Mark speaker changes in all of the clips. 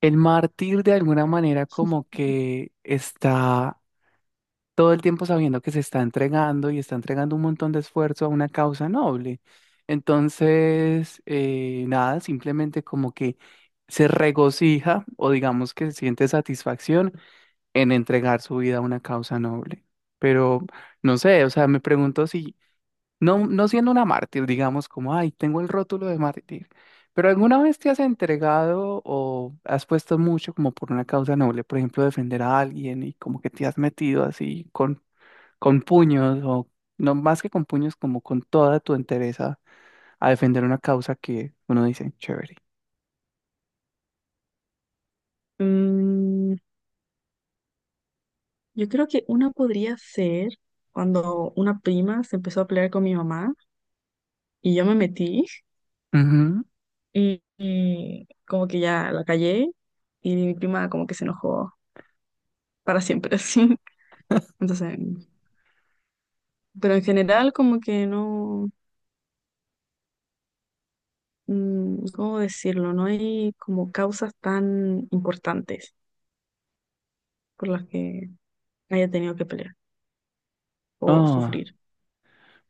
Speaker 1: El mártir de alguna manera como que está todo el tiempo sabiendo que se está entregando y está entregando un montón de esfuerzo a una causa noble. Entonces, nada, simplemente como que se regocija o digamos que siente satisfacción en entregar su vida a una causa noble. Pero no sé, o sea, me pregunto si no siendo una mártir, digamos, como, ay, tengo el rótulo de mártir, pero ¿alguna vez te has entregado o has puesto mucho como por una causa noble, por ejemplo, defender a alguien y como que te has metido así con puños o no más que con puños, como con toda tu entereza a defender una causa que uno dice, chévere?
Speaker 2: Mm, yo creo que una podría ser cuando una prima se empezó a pelear con mi mamá y yo me metí
Speaker 1: Ujú.
Speaker 2: y como que ya la callé y mi prima como que se enojó para siempre así. Entonces, pero en general como que no, mm, ¿cómo decirlo? No hay como causas tan importantes por las que haya tenido que pelear o
Speaker 1: Ah,
Speaker 2: sufrir.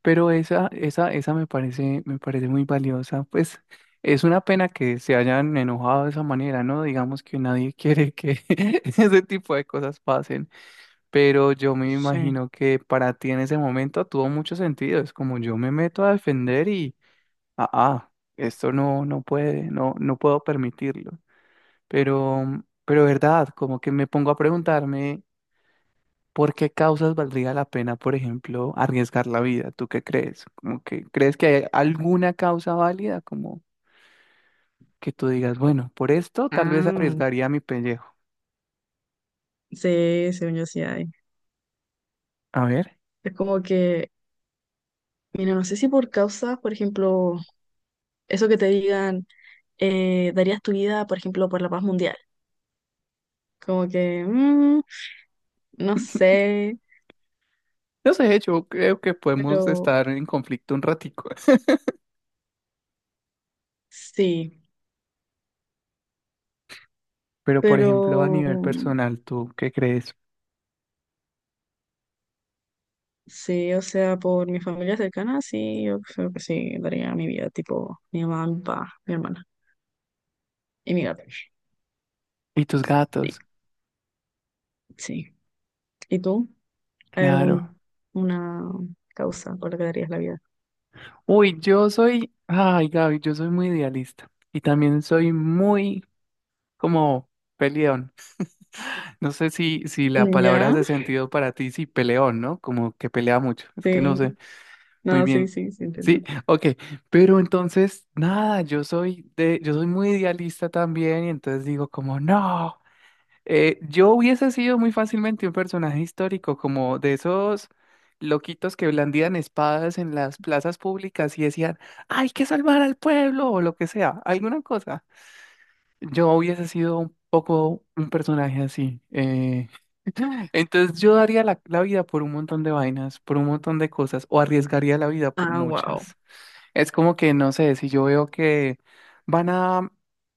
Speaker 1: pero esa me parece muy valiosa. Pues es una pena que se hayan enojado de esa manera, ¿no? Digamos que nadie quiere que ese tipo de cosas pasen. Pero yo me
Speaker 2: Sí.
Speaker 1: imagino que para ti en ese momento tuvo mucho sentido. Es como yo me meto a defender y, ah, ah, esto no, no puede, no, no puedo permitirlo. Pero verdad, como que me pongo a preguntarme. ¿Por qué causas valdría la pena, por ejemplo, arriesgar la vida? ¿Tú qué crees? Como que, ¿crees que hay alguna causa válida? Como que tú digas, bueno, por esto tal vez
Speaker 2: Ah,
Speaker 1: arriesgaría mi pellejo.
Speaker 2: sí, según yo sí hay.
Speaker 1: A ver.
Speaker 2: Es como que mira, no sé si por causas, por ejemplo, eso que te digan, darías tu vida, por ejemplo, por la paz mundial. Como que, mm, no sé,
Speaker 1: No sé, yo creo que podemos
Speaker 2: pero
Speaker 1: estar en conflicto un ratico.
Speaker 2: sí,
Speaker 1: Pero, por
Speaker 2: pero
Speaker 1: ejemplo, a nivel personal, ¿tú qué crees?
Speaker 2: sí, o sea, por mi familia cercana, sí, yo creo que sí, daría mi vida, tipo mi mamá, mi papá, mi hermana y mi gato.
Speaker 1: ¿Y tus
Speaker 2: Sí,
Speaker 1: gatos?
Speaker 2: sí. ¿Y tú? ¿Hay alguna
Speaker 1: Claro.
Speaker 2: causa por la que darías la vida?
Speaker 1: Uy, yo soy, ay, Gaby, yo soy muy idealista. Y también soy muy como peleón. No sé si, si la palabra
Speaker 2: ¿Ya?
Speaker 1: hace sentido para ti, si peleón, ¿no? Como que pelea mucho. Es que no
Speaker 2: Sí,
Speaker 1: sé muy
Speaker 2: no, sí,
Speaker 1: bien.
Speaker 2: sí, sí, entiendo.
Speaker 1: Sí, ok. Pero entonces, nada, yo soy de, yo soy muy idealista también, y entonces digo como, no. Yo hubiese sido muy fácilmente un personaje histórico, como de esos loquitos que blandían espadas en las plazas públicas y decían, hay que salvar al pueblo, o lo que sea, alguna cosa. Yo hubiese sido un poco un personaje así. Entonces yo daría la, la vida por un montón de vainas, por un montón de cosas, o arriesgaría la vida por
Speaker 2: Ah, wow.
Speaker 1: muchas. Es como que, no sé, si yo veo que van a,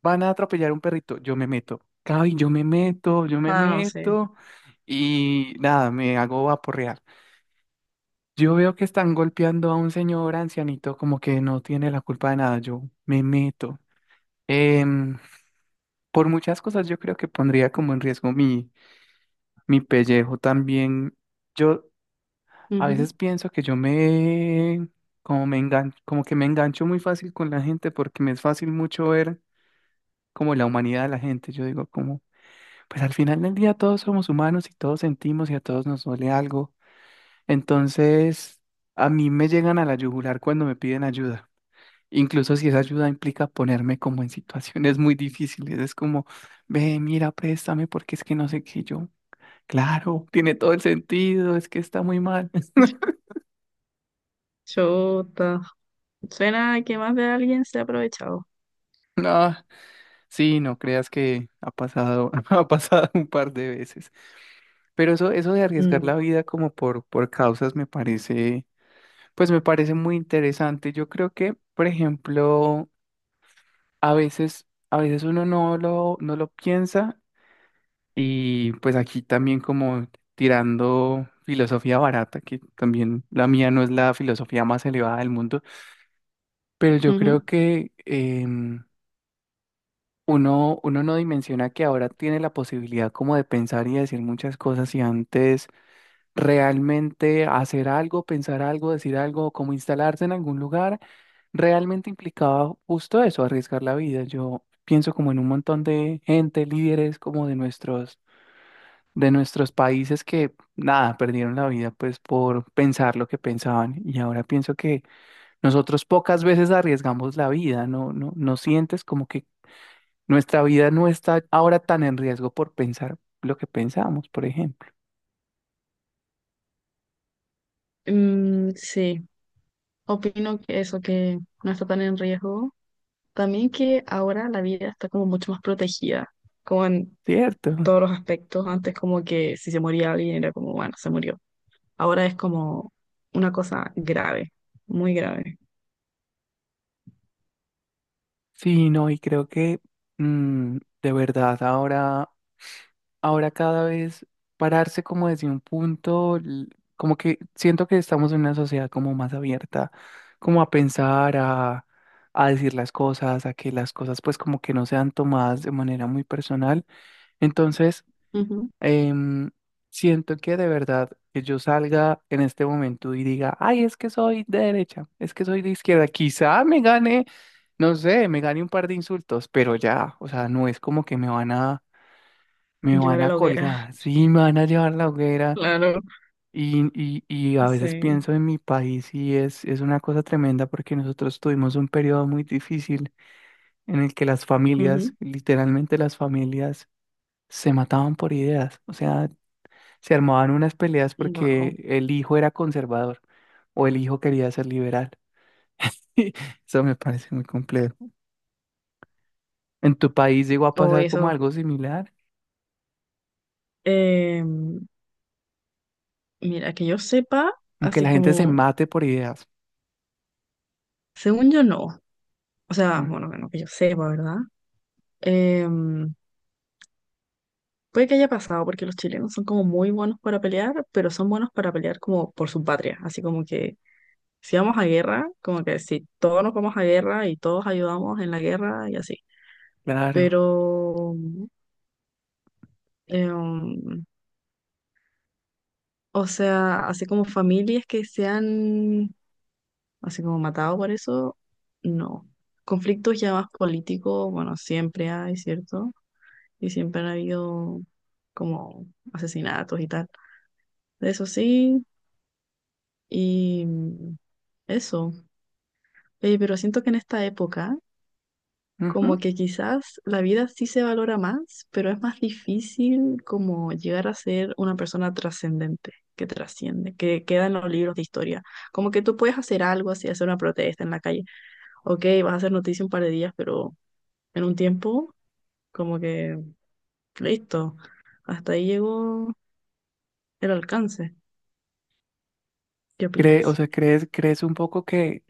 Speaker 1: van a atropellar un perrito, yo me meto. Cabi, yo me
Speaker 2: Ah, no sé.
Speaker 1: meto y nada, me hago vaporrear. Yo veo que están golpeando a un señor ancianito como que no tiene la culpa de nada, yo me meto. Em, por muchas cosas yo creo que pondría como en riesgo mi, mi pellejo también. Yo a
Speaker 2: Ujú.
Speaker 1: veces pienso que yo me como que me engancho muy fácil con la gente porque me es fácil mucho ver como la humanidad de la gente. Yo digo como, pues al final del día todos somos humanos y todos sentimos y a todos nos duele algo. Entonces, a mí me llegan a la yugular cuando me piden ayuda. Incluso si esa ayuda implica ponerme como en situaciones muy difíciles, es como, ve, mira, préstame porque es que no sé qué yo. Claro, tiene todo el sentido, es que está muy mal.
Speaker 2: Chuta. Suena que más de alguien se ha aprovechado.
Speaker 1: No, sí, no creas que ha pasado, ha pasado un par de veces. Pero eso de arriesgar la
Speaker 2: Mm.
Speaker 1: vida como por causas me parece, pues me parece muy interesante. Yo creo que, por ejemplo, a veces uno no lo, no lo piensa y pues aquí también como tirando filosofía barata, que también la mía no es la filosofía más elevada del mundo, pero yo
Speaker 2: Ujú.
Speaker 1: creo que uno, uno no dimensiona que ahora tiene la posibilidad como de pensar y decir muchas cosas y antes realmente hacer algo, pensar algo, decir algo, como instalarse en algún lugar, realmente implicaba justo eso, arriesgar la vida. Yo pienso como en un montón de gente, líderes como de nuestros países que nada, perdieron la vida pues por pensar lo que pensaban y ahora pienso que nosotros pocas veces arriesgamos la vida, ¿no? ¿No, no sientes como que nuestra vida no está ahora tan en riesgo por pensar lo que pensamos, por ejemplo?
Speaker 2: Mm, sí, opino que eso, que no está tan en riesgo. También que ahora la vida está como mucho más protegida, como en
Speaker 1: ¿Cierto?
Speaker 2: todos los aspectos. Antes como que si se moría alguien era como, bueno, se murió. Ahora es como una cosa grave, muy grave.
Speaker 1: Sí, no, y creo que de verdad ahora, ahora cada vez pararse como desde un punto, como que siento que estamos en una sociedad como más abierta, como a pensar, a decir las cosas, a que las cosas pues como que no sean tomadas de manera muy personal. Entonces,
Speaker 2: Ujú.
Speaker 1: em, siento que de verdad que yo salga en este momento y diga, ay, es que soy de derecha, es que soy de izquierda, quizá me gane, no sé, me gane un par de insultos, pero ya, o sea, no es como que me
Speaker 2: Llevar
Speaker 1: van
Speaker 2: a
Speaker 1: a
Speaker 2: la hoguera,
Speaker 1: colgar, sí, me van a llevar la hoguera
Speaker 2: claro.
Speaker 1: y a veces
Speaker 2: Sí.
Speaker 1: pienso en mi país y es una cosa tremenda porque nosotros tuvimos un periodo muy difícil en el que las familias,
Speaker 2: Ujú.
Speaker 1: literalmente las familias, se mataban por ideas, o sea, se armaban unas peleas
Speaker 2: Wow.
Speaker 1: porque el hijo era conservador o el hijo quería ser liberal. Eso me parece muy complejo. ¿En tu país llegó a
Speaker 2: O
Speaker 1: pasar
Speaker 2: eso.
Speaker 1: como algo similar?
Speaker 2: Em, Mira, que yo sepa,
Speaker 1: Como que
Speaker 2: así
Speaker 1: la gente se
Speaker 2: como,
Speaker 1: mate por ideas.
Speaker 2: según yo no. O sea,
Speaker 1: Ujú,
Speaker 2: bueno, bueno, que yo sepa, ¿verdad? Em, puede que haya pasado porque los chilenos son como muy buenos para pelear, pero son buenos para pelear como por su patria. Así como que si vamos a guerra, como que si todos nos vamos a guerra y todos ayudamos en la guerra y así.
Speaker 1: claro.
Speaker 2: Pero, em, o sea, así como familias que se han, así como matado por eso, no. Conflictos ya más políticos, bueno, siempre hay, ¿cierto? Y siempre han habido como asesinatos y tal. Eso sí, y eso. Pero siento que en esta época, como
Speaker 1: Ujú.
Speaker 2: que quizás la vida sí se valora más, pero es más difícil como llegar a ser una persona trascendente, que trasciende, que queda en los libros de historia. Como que tú puedes hacer algo así, hacer una protesta en la calle. Ok, vas a hacer noticia un par de días, pero en un tiempo, como que listo, hasta ahí llegó el alcance. ¿Qué
Speaker 1: Cree, o
Speaker 2: opinas?
Speaker 1: sea, ¿crees, crees un poco que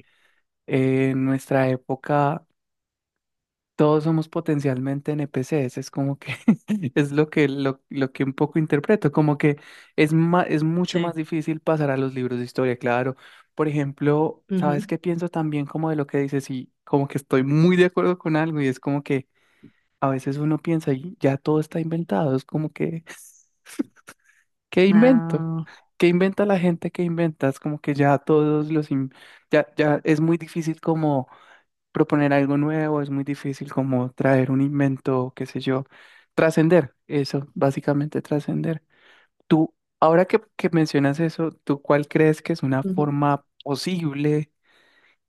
Speaker 1: en nuestra época todos somos potencialmente NPCs, es como que es lo que un poco interpreto, como que es, es mucho más
Speaker 2: Sí.
Speaker 1: difícil pasar a los libros de historia, claro. Por ejemplo,
Speaker 2: Ujú.
Speaker 1: ¿sabes qué pienso también como de lo que dices? Y como que estoy muy de acuerdo con algo y es como que a veces uno piensa y ya todo está inventado, es como que, ¿qué invento?
Speaker 2: Ah,
Speaker 1: ¿Qué inventa la gente que inventa? Es como que ya todos los, ya, ya es muy difícil como proponer algo nuevo, es muy difícil como traer un invento, qué sé yo, trascender, eso, básicamente trascender. Tú, ahora que mencionas eso, ¿tú cuál crees que es una
Speaker 2: ujú.
Speaker 1: forma posible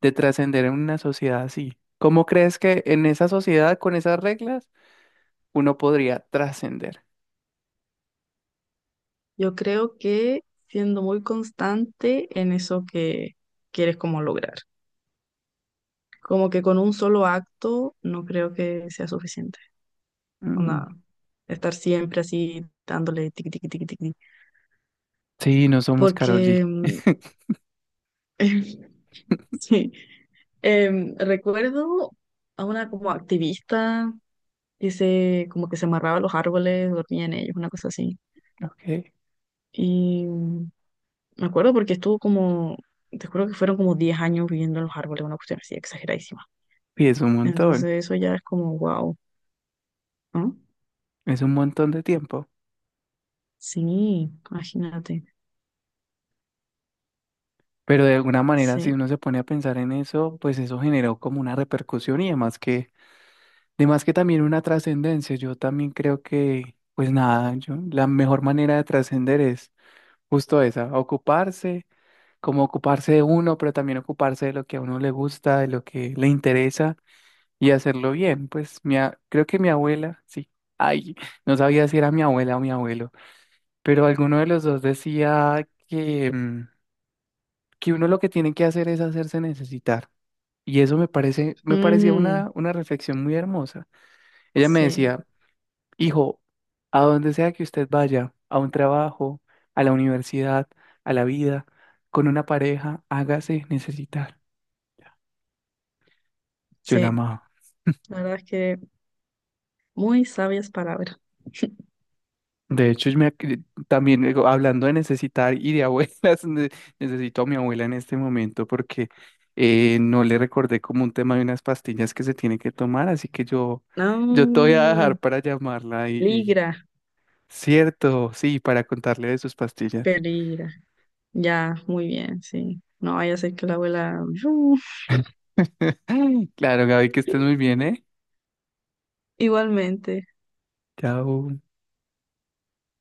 Speaker 1: de trascender en una sociedad así? ¿Cómo crees que en esa sociedad, con esas reglas, uno podría trascender?
Speaker 2: Yo creo que siendo muy constante en eso que quieres como lograr. Como que con un solo acto no creo que sea suficiente.
Speaker 1: Mm,
Speaker 2: Onda, estar siempre así dándole tiqui, tiqui, tiqui, tiqui.
Speaker 1: sí, no somos Karol G.
Speaker 2: Porque, mm, sí. Recuerdo a una como activista que se, como que se amarraba a los árboles, dormía en ellos, una cosa así.
Speaker 1: Ok.
Speaker 2: Y me acuerdo porque estuvo como, te juro que fueron como 10 años viviendo en los árboles, una cuestión así exageradísima.
Speaker 1: Y
Speaker 2: Entonces eso ya es como, wow, ¿no?
Speaker 1: es un montón de tiempo.
Speaker 2: Sí, imagínate.
Speaker 1: Pero de alguna manera, si
Speaker 2: Sí.
Speaker 1: uno se pone a pensar en eso, pues eso generó como una repercusión y además que también una trascendencia. Yo también creo que, pues nada, yo, la mejor manera de trascender es justo esa, ocuparse, como ocuparse de uno, pero también ocuparse de lo que a uno le gusta, de lo que le interesa y hacerlo bien. Pues mi, creo que mi abuela, sí, ay, no sabía si era mi abuela o mi abuelo, pero alguno de los dos decía que, que uno lo que tiene que hacer es hacerse necesitar. Y eso me parece, me parecía
Speaker 2: Mm,
Speaker 1: una reflexión muy hermosa. Ella me
Speaker 2: sí,
Speaker 1: decía, hijo, a donde sea que usted vaya, a un trabajo, a la universidad, a la vida, con una pareja, hágase necesitar. Yo la
Speaker 2: sí.
Speaker 1: amaba.
Speaker 2: La verdad es que muy sabias palabras.
Speaker 1: De hecho, yo me, también digo, hablando de necesitar y de abuelas, necesito a mi abuela en este momento porque no le recordé como un tema de unas pastillas que se tiene que tomar, así que yo te voy a
Speaker 2: No,
Speaker 1: dejar para llamarla.
Speaker 2: peligra,
Speaker 1: Cierto, sí, para contarle de sus pastillas.
Speaker 2: peligra. Ya, muy bien, sí. No vaya a ser que la abuela...
Speaker 1: Claro, Gaby, que estés muy bien, ¿eh?
Speaker 2: Igualmente.
Speaker 1: Chao.